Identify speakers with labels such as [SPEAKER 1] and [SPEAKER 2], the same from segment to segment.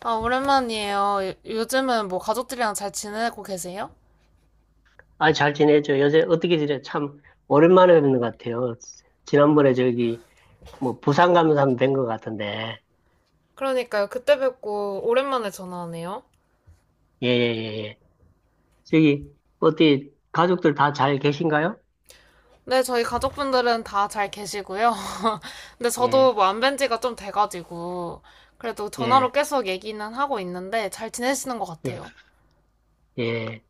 [SPEAKER 1] 아, 오랜만이에요. 요즘은 뭐 가족들이랑 잘 지내고 계세요?
[SPEAKER 2] 아, 잘 지내죠. 요새 어떻게 지내? 참, 오랜만에 뵙는 것 같아요. 지난번에 저기, 뭐, 부산 가면서 한번 뵌것 같은데.
[SPEAKER 1] 그러니까요. 그때 뵙고 오랜만에 전화하네요.
[SPEAKER 2] 예, 예, 예, 예. 저기, 어디, 가족들 다 잘 계신가요?
[SPEAKER 1] 네, 저희 가족분들은 다 잘 계시고요. 근데
[SPEAKER 2] 예,
[SPEAKER 1] 저도 뭐 안 뵌 지가 좀 돼가지고, 그래도
[SPEAKER 2] 예,
[SPEAKER 1] 전화로 계속 얘기는 하고 있는데 잘 지내시는 것
[SPEAKER 2] 예,
[SPEAKER 1] 같아요.
[SPEAKER 2] 예.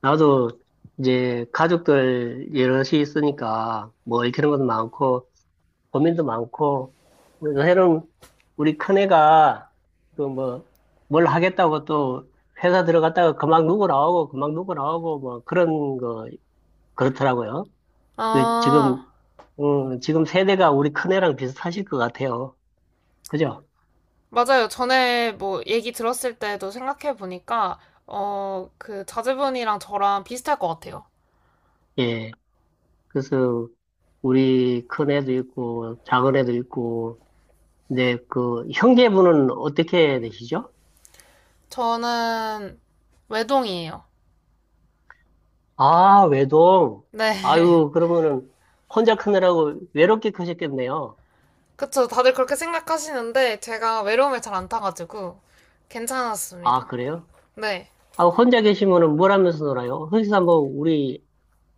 [SPEAKER 2] 나도 이제 가족들 여럿이 있으니까, 뭐, 읽히는 것도 많고, 고민도 많고, 그래서 새로운 우리 큰애가 그 뭐, 뭘 하겠다고 또 회사 들어갔다가 그만 누구 나오고 그만 누구 나오고 뭐 그런 거 그렇더라고요. 그
[SPEAKER 1] 아,
[SPEAKER 2] 지금 세대가 우리 큰애랑 비슷하실 것 같아요. 그죠?
[SPEAKER 1] 맞아요. 전에 뭐 얘기 들었을 때도 생각해보니까, 어, 그 자제분이랑 저랑 비슷할 것 같아요.
[SPEAKER 2] 예. 그래서 우리 큰애도 있고 작은애도 있고, 근데 그 형제분은 어떻게 되시죠?
[SPEAKER 1] 저는 외동이에요.
[SPEAKER 2] 아, 외동.
[SPEAKER 1] 네.
[SPEAKER 2] 아유, 그러면은 혼자 크느라고 외롭게 크셨겠네요.
[SPEAKER 1] 그쵸. 다들 그렇게 생각하시는데 제가 외로움에 잘 안 타가지고
[SPEAKER 2] 아,
[SPEAKER 1] 괜찮았습니다.
[SPEAKER 2] 그래요?
[SPEAKER 1] 네.
[SPEAKER 2] 아, 혼자 계시면은 뭘 하면서 놀아요? 흔히서 뭐 우리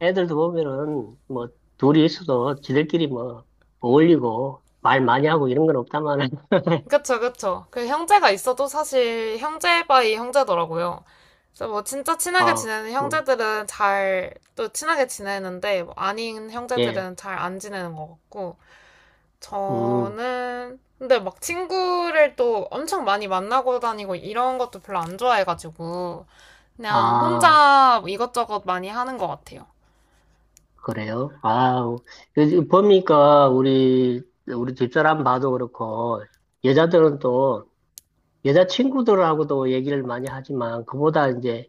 [SPEAKER 2] 애들도 보면은 뭐 둘이 있어도 지들끼리 뭐 어울리고 말 많이 하고 이런 건 없다마는
[SPEAKER 1] 그쵸, 그쵸. 그 형제가 있어도 사실 형제 바이 형제더라고요. 그래서 뭐 진짜 친하게
[SPEAKER 2] 아,
[SPEAKER 1] 지내는
[SPEAKER 2] 음,
[SPEAKER 1] 형제들은 잘 또 친하게 지내는데 뭐 아닌
[SPEAKER 2] 예,
[SPEAKER 1] 형제들은 잘 안 지내는 것 같고
[SPEAKER 2] 음,
[SPEAKER 1] 저는 근데 막 친구를 또 엄청 많이 만나고 다니고 이런 것도 별로 안 좋아해가지고 그냥
[SPEAKER 2] 아,
[SPEAKER 1] 혼자 뭐 이것저것 많이 하는 것 같아요.
[SPEAKER 2] 그래요? 아, 보니까 우리 집사람 봐도 그렇고 여자들은 또 여자친구들하고도 얘기를 많이 하지만 그보다 이제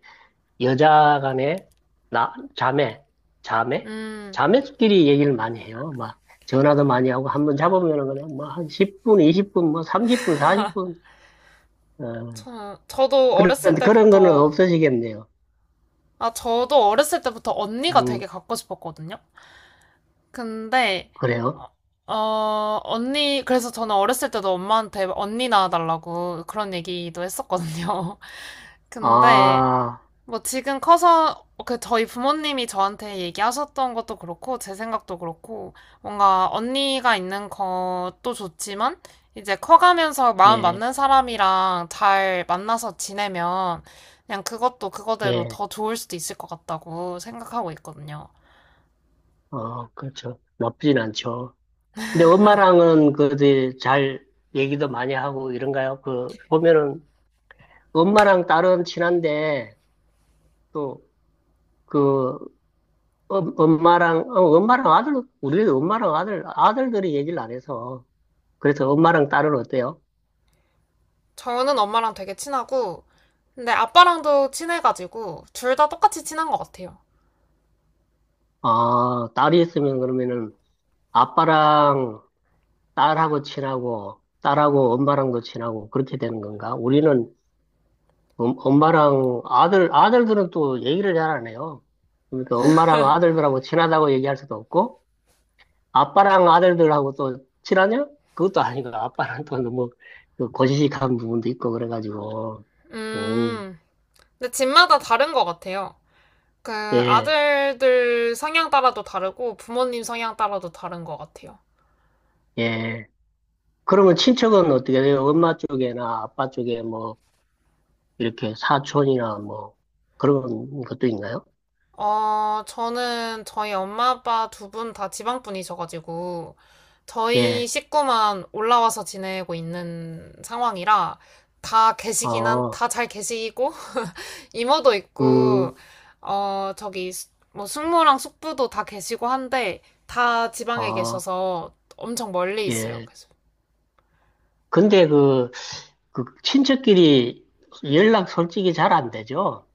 [SPEAKER 2] 여자 간에 나 자매
[SPEAKER 1] 음.
[SPEAKER 2] 자매끼리 얘기를 많이 해요. 막 전화도 많이 하고 한번 잡으면은 그냥 뭐한 10분, 20분, 뭐 30분, 40분 어,
[SPEAKER 1] 저도
[SPEAKER 2] 그런
[SPEAKER 1] 어렸을
[SPEAKER 2] 그런 거는
[SPEAKER 1] 때부터,
[SPEAKER 2] 없어지겠네요.
[SPEAKER 1] 아, 저도 어렸을 때부터 언니가 되게
[SPEAKER 2] 음
[SPEAKER 1] 갖고 싶었거든요. 근데, 어,
[SPEAKER 2] 그래요?
[SPEAKER 1] 그래서 저는 어렸을 때도 엄마한테 언니 낳아달라고 그런 얘기도 했었거든요. 근데,
[SPEAKER 2] 아
[SPEAKER 1] 뭐 지금 커서 그 저희 부모님이 저한테 얘기하셨던 것도 그렇고 제 생각도 그렇고 뭔가 언니가 있는 것도 좋지만 이제 커가면서 마음
[SPEAKER 2] 예,
[SPEAKER 1] 맞는 사람이랑 잘 만나서 지내면 그냥 그것도 그거대로
[SPEAKER 2] 예,
[SPEAKER 1] 더 좋을 수도 있을 것 같다고 생각하고 있거든요.
[SPEAKER 2] 어 그렇죠. 나쁘진 않죠. 근데 엄마랑은 그잘 얘기도 많이 하고 이런가요? 그 보면은 엄마랑 딸은 친한데, 또, 그, 엄마랑, 우리 엄마랑 아들, 아들들이 얘기를 안 해서. 그래서 엄마랑 딸은 어때요?
[SPEAKER 1] 저는 엄마랑 되게 친하고 근데 아빠랑도 친해가지고 둘 다 똑같이 친한 것 같아요.
[SPEAKER 2] 아, 딸이 있으면 그러면은 아빠랑 딸하고 친하고, 딸하고 엄마랑도 친하고, 그렇게 되는 건가? 우리는 엄마랑 아들들은 또 얘기를 잘 안 해요. 그러니까 엄마랑 아들들하고 친하다고 얘기할 수도 없고, 아빠랑 아들들하고 또 친하냐? 그것도 아니고 아빠랑 또 너무 그 고지식한 부분도 있고 그래가지고 음,
[SPEAKER 1] 음, 근데 집마다 다른 것 같아요. 그
[SPEAKER 2] 예,
[SPEAKER 1] 아들들 성향 따라도 다르고 부모님 성향 따라도 다른 것 같아요.
[SPEAKER 2] 예. 그러면 친척은 어떻게 돼요? 엄마 쪽에나 아빠 쪽에 뭐 이렇게 사촌이나 뭐 그런 것도 있나요?
[SPEAKER 1] 어, 저는 저희 엄마 아빠 두 분 다 지방 분이셔가지고 저희
[SPEAKER 2] 예,
[SPEAKER 1] 식구만 올라와서 지내고 있는 상황이라 다 계시긴 한,
[SPEAKER 2] 어,
[SPEAKER 1] 다 잘 계시고 이모도 있고
[SPEAKER 2] 음,
[SPEAKER 1] 어, 저기 뭐 숙모랑 숙부도 다 계시고 한데 다 지방에
[SPEAKER 2] 어,
[SPEAKER 1] 계셔서 엄청 멀리 있어요.
[SPEAKER 2] 예.
[SPEAKER 1] 그래서
[SPEAKER 2] 근데 그 친척끼리 연락 솔직히 잘 안 되죠?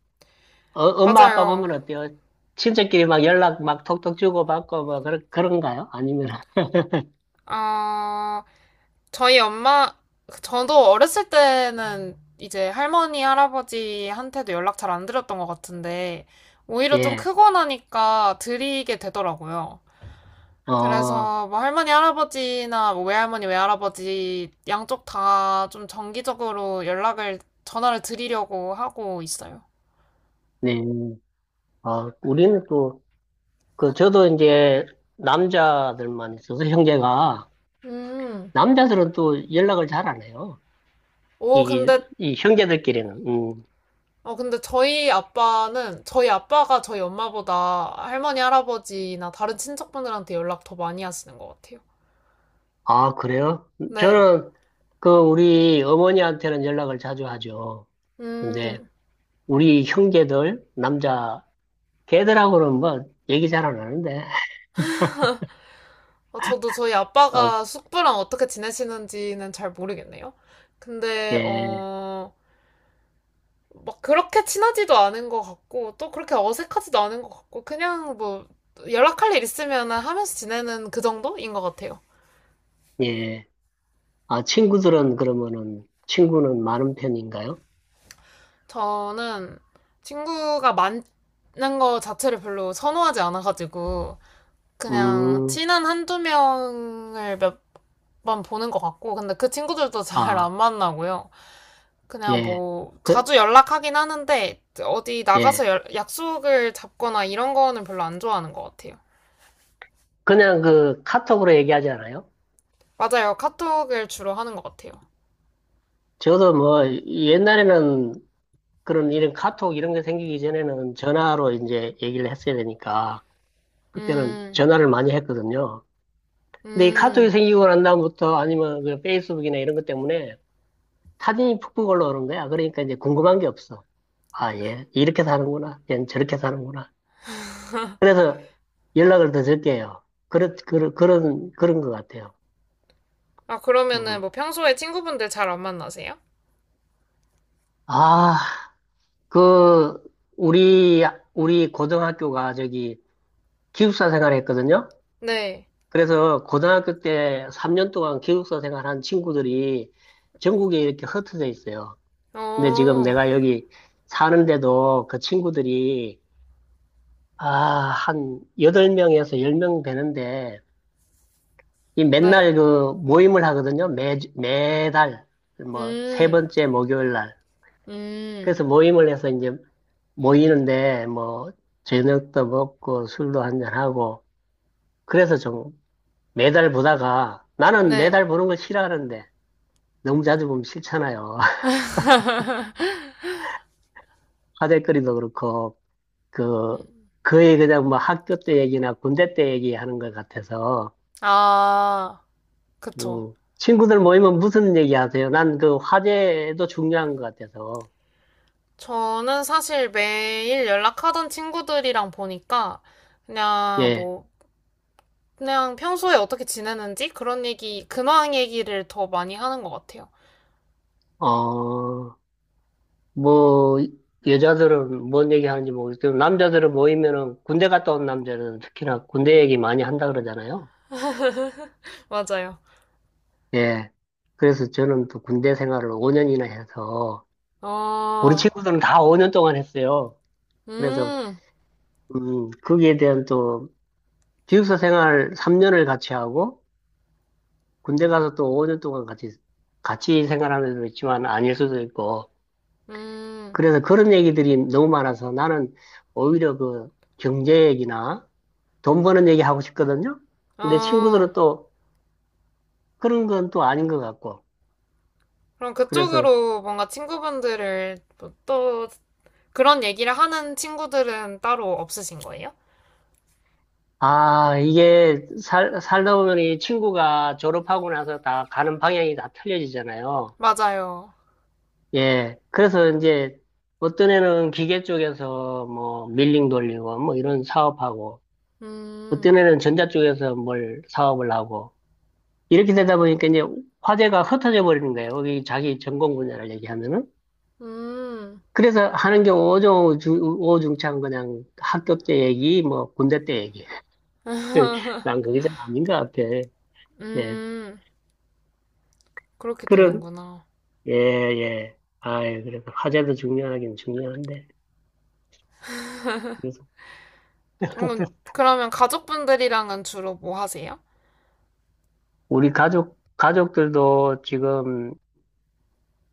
[SPEAKER 2] 어, 엄마 아빠
[SPEAKER 1] 맞아요.
[SPEAKER 2] 보면 어때요? 친척끼리 막 연락 막 톡톡 주고받고 뭐 그런 그런가요? 아니면
[SPEAKER 1] 어, 저희 엄마, 저도 어렸을 때는 이제 할머니, 할아버지한테도 연락 잘 안 드렸던 것 같은데, 오히려 좀
[SPEAKER 2] 예.
[SPEAKER 1] 크고 나니까 드리게 되더라고요.
[SPEAKER 2] 어,
[SPEAKER 1] 그래서 뭐 할머니, 할아버지나 뭐 외할머니, 외할아버지 양쪽 다 좀 정기적으로 연락을, 전화를 드리려고 하고 있어요.
[SPEAKER 2] 네. 어, 우리는 또 그 저도 이제 남자들만 있어서 형제가
[SPEAKER 1] 음.
[SPEAKER 2] 남자들은 또 연락을 잘 안 해요.
[SPEAKER 1] 오,
[SPEAKER 2] 이,
[SPEAKER 1] 근데,
[SPEAKER 2] 이 형제들끼리는. 음.
[SPEAKER 1] 어, 근데 저희 아빠는, 저희 아빠가 저희 엄마보다 할머니, 할아버지나 다른 친척분들한테 연락 더 많이 하시는 것 같아요.
[SPEAKER 2] 아, 그래요?
[SPEAKER 1] 네.
[SPEAKER 2] 저는 그 우리 어머니한테는 연락을 자주 하죠. 근데
[SPEAKER 1] 음,
[SPEAKER 2] 우리 형제들 남자 걔들하고는 뭐 얘기 잘 안 하는데.
[SPEAKER 1] 어, 저도 저희
[SPEAKER 2] 아,
[SPEAKER 1] 아빠가 숙부랑 어떻게 지내시는지는 잘 모르겠네요. 근데,
[SPEAKER 2] 예,
[SPEAKER 1] 어, 막 그렇게 친하지도 않은 것 같고, 또 그렇게 어색하지도 않은 것 같고, 그냥 뭐, 연락할 일 있으면 하면서 지내는 그 정도인 것 같아요.
[SPEAKER 2] 예. 아, 친구들은 그러면은, 친구는 많은 편인가요?
[SPEAKER 1] 저는 친구가 많은 거 자체를 별로 선호하지 않아가지고, 그냥
[SPEAKER 2] 음,
[SPEAKER 1] 친한 한 두 명을 몇 번 보는 것 같고, 근데 그 친구들도 잘 안
[SPEAKER 2] 아,
[SPEAKER 1] 만나고요. 그냥
[SPEAKER 2] 예.
[SPEAKER 1] 뭐
[SPEAKER 2] 그,
[SPEAKER 1] 자주 연락하긴 하는데 어디 나가서
[SPEAKER 2] 예.
[SPEAKER 1] 약속을 잡거나 이런 거는 별로 안 좋아하는 것 같아요.
[SPEAKER 2] 그냥 그 카톡으로 얘기하지 않아요?
[SPEAKER 1] 맞아요. 카톡을 주로 하는 것 같아요.
[SPEAKER 2] 저도 뭐, 옛날에는 그런 이런 카톡 이런 게 생기기 전에는 전화로 이제 얘기를 했어야 되니까, 그때는
[SPEAKER 1] 음,
[SPEAKER 2] 전화를 많이 했거든요. 근데 이 카톡이
[SPEAKER 1] 음.
[SPEAKER 2] 생기고 난 다음부터 아니면 그 페이스북이나 이런 것 때문에 사진이 푹푹 올라오는 거야. 그러니까 이제 궁금한 게 없어. 아, 예. 이렇게 사는구나. 얜 저렇게 사는구나. 그래서 연락을 더 적게 해요. 그런 것 같아요.
[SPEAKER 1] 아, 그러면은
[SPEAKER 2] 음.
[SPEAKER 1] 뭐 평소에 친구분들 잘 안 만나세요?
[SPEAKER 2] 아, 그, 우리, 우리 고등학교가 저기 기숙사 생활 했거든요.
[SPEAKER 1] 네.
[SPEAKER 2] 그래서 고등학교 때 3년 동안 기숙사 생활한 친구들이 전국에 이렇게 흩어져 있어요. 근데 지금
[SPEAKER 1] 어,
[SPEAKER 2] 내가 여기 사는데도 그 친구들이, 아, 한 8명에서 10명 되는데, 이
[SPEAKER 1] 네.
[SPEAKER 2] 맨날 그 모임을 하거든요. 매달, 뭐, 세
[SPEAKER 1] 음,
[SPEAKER 2] 번째 목요일 날.
[SPEAKER 1] 음.
[SPEAKER 2] 그래서 모임을 해서 이제 모이는데, 뭐, 저녁도 먹고 술도 한잔하고. 그래서 좀 매달 보다가 나는
[SPEAKER 1] 네.
[SPEAKER 2] 매달 보는 걸 싫어하는데 너무 자주 보면 싫잖아요. 화제거리도 그렇고, 그, 거의 그냥 뭐 학교 때 얘기나 군대 때 얘기하는 것 같아서.
[SPEAKER 1] 아, 그쵸.
[SPEAKER 2] 음. 친구들 모이면 무슨 얘기 하세요? 난 그 화제도 중요한 것 같아서.
[SPEAKER 1] 저는 사실 매일 연락하던 친구들이랑 보니까 그냥
[SPEAKER 2] 예.
[SPEAKER 1] 뭐 그냥 평소에 어떻게 지내는지 그런 얘기, 근황 얘기를 더 많이 하는 것 같아요.
[SPEAKER 2] 어, 뭐, 여자들은 뭔 얘기 하는지 모르겠지만, 남자들은 모이면은 군대 갔다 온 남자들은 특히나 군대 얘기 많이 한다 그러잖아요.
[SPEAKER 1] 맞아요.
[SPEAKER 2] 예. 그래서 저는 또 군대 생활을 5년이나 해서, 우리
[SPEAKER 1] 어,
[SPEAKER 2] 친구들은 다 5년 동안 했어요. 그래서,
[SPEAKER 1] 음,
[SPEAKER 2] 거기에 대한 또, 기숙사 생활 3년을 같이 하고, 군대 가서 또 5년 동안 같이, 같이 생활하는 애도 있지만 아닐 수도 있고,
[SPEAKER 1] 음,
[SPEAKER 2] 그래서 그런 얘기들이 너무 많아서 나는 오히려 그 경제 얘기나, 돈 버는 얘기 하고 싶거든요. 근데
[SPEAKER 1] 어.
[SPEAKER 2] 친구들은 또 그런 건 또 아닌 것 같고.
[SPEAKER 1] 그럼
[SPEAKER 2] 그래서,
[SPEAKER 1] 그쪽으로 뭔가 친구분들을 뭐또 그런 얘기를 하는 친구들은 따로 없으신 거예요?
[SPEAKER 2] 아, 이게 살다 보면 이 친구가 졸업하고 나서 다 가는 방향이 다 틀려지잖아요.
[SPEAKER 1] 맞아요.
[SPEAKER 2] 예. 그래서 이제 어떤 애는 기계 쪽에서 뭐 밀링 돌리고 뭐 이런 사업하고
[SPEAKER 1] 음,
[SPEAKER 2] 어떤 애는 전자 쪽에서 뭘 사업을 하고 이렇게 되다 보니까 이제 화제가 흩어져 버리는 거예요. 여기 자기 전공 분야를 얘기하면은.
[SPEAKER 1] 음,
[SPEAKER 2] 그래서 하는 게 오중창 그냥 학교 때 얘기, 뭐 군대 때 얘기. 난 그게 좀 아닌 것 같아. 예.
[SPEAKER 1] 음. 그렇게
[SPEAKER 2] 그런,
[SPEAKER 1] 되는구나.
[SPEAKER 2] 예, 예. 아이, 그래도 화제도 중요하긴 중요한데. 그래서
[SPEAKER 1] 그러면 가족분들이랑은 주로 뭐 하세요?
[SPEAKER 2] 우리 가족들도 지금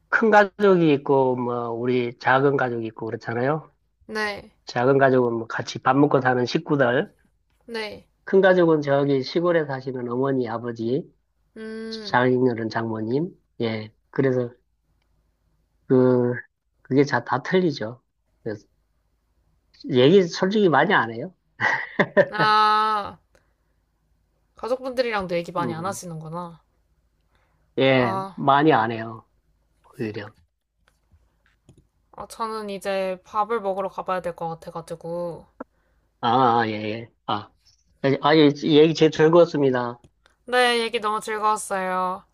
[SPEAKER 2] 큰 가족이 있고, 뭐, 우리 작은 가족이 있고 그렇잖아요.
[SPEAKER 1] 네,
[SPEAKER 2] 작은 가족은 뭐 같이 밥 먹고 사는 식구들.
[SPEAKER 1] 네,
[SPEAKER 2] 큰 가족은 저기 시골에 사시는 어머니, 아버지,
[SPEAKER 1] 음.
[SPEAKER 2] 장인어른, 장모님. 예. 그래서 그 그게 자, 다 틀리죠. 그래서 얘기 솔직히 많이 안 해요.
[SPEAKER 1] 아. 가족분들이랑도 얘기 많이 안
[SPEAKER 2] 음,
[SPEAKER 1] 하시는구나.
[SPEAKER 2] 예,
[SPEAKER 1] 아,
[SPEAKER 2] 많이 안 해요. 오히려.
[SPEAKER 1] 아, 저는 이제 밥을 먹으러 가봐야 될 것 같아가지고.
[SPEAKER 2] 아, 아, 예, 예. 아, 예, 아, 예, 얘기 제일 즐거웠습니다.
[SPEAKER 1] 네, 얘기 너무 즐거웠어요.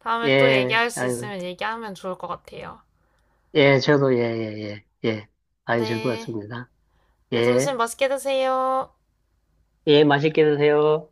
[SPEAKER 1] 다음에 또
[SPEAKER 2] 예,
[SPEAKER 1] 얘기할 수
[SPEAKER 2] 아유,
[SPEAKER 1] 있으면 얘기하면 좋을 것 같아요.
[SPEAKER 2] 예, 저도 예, 예, 예, 예. 아유,
[SPEAKER 1] 네.
[SPEAKER 2] 즐거웠습니다.
[SPEAKER 1] 네,
[SPEAKER 2] 예,
[SPEAKER 1] 점심 맛있게 드세요.
[SPEAKER 2] 예, 맛있게 드세요.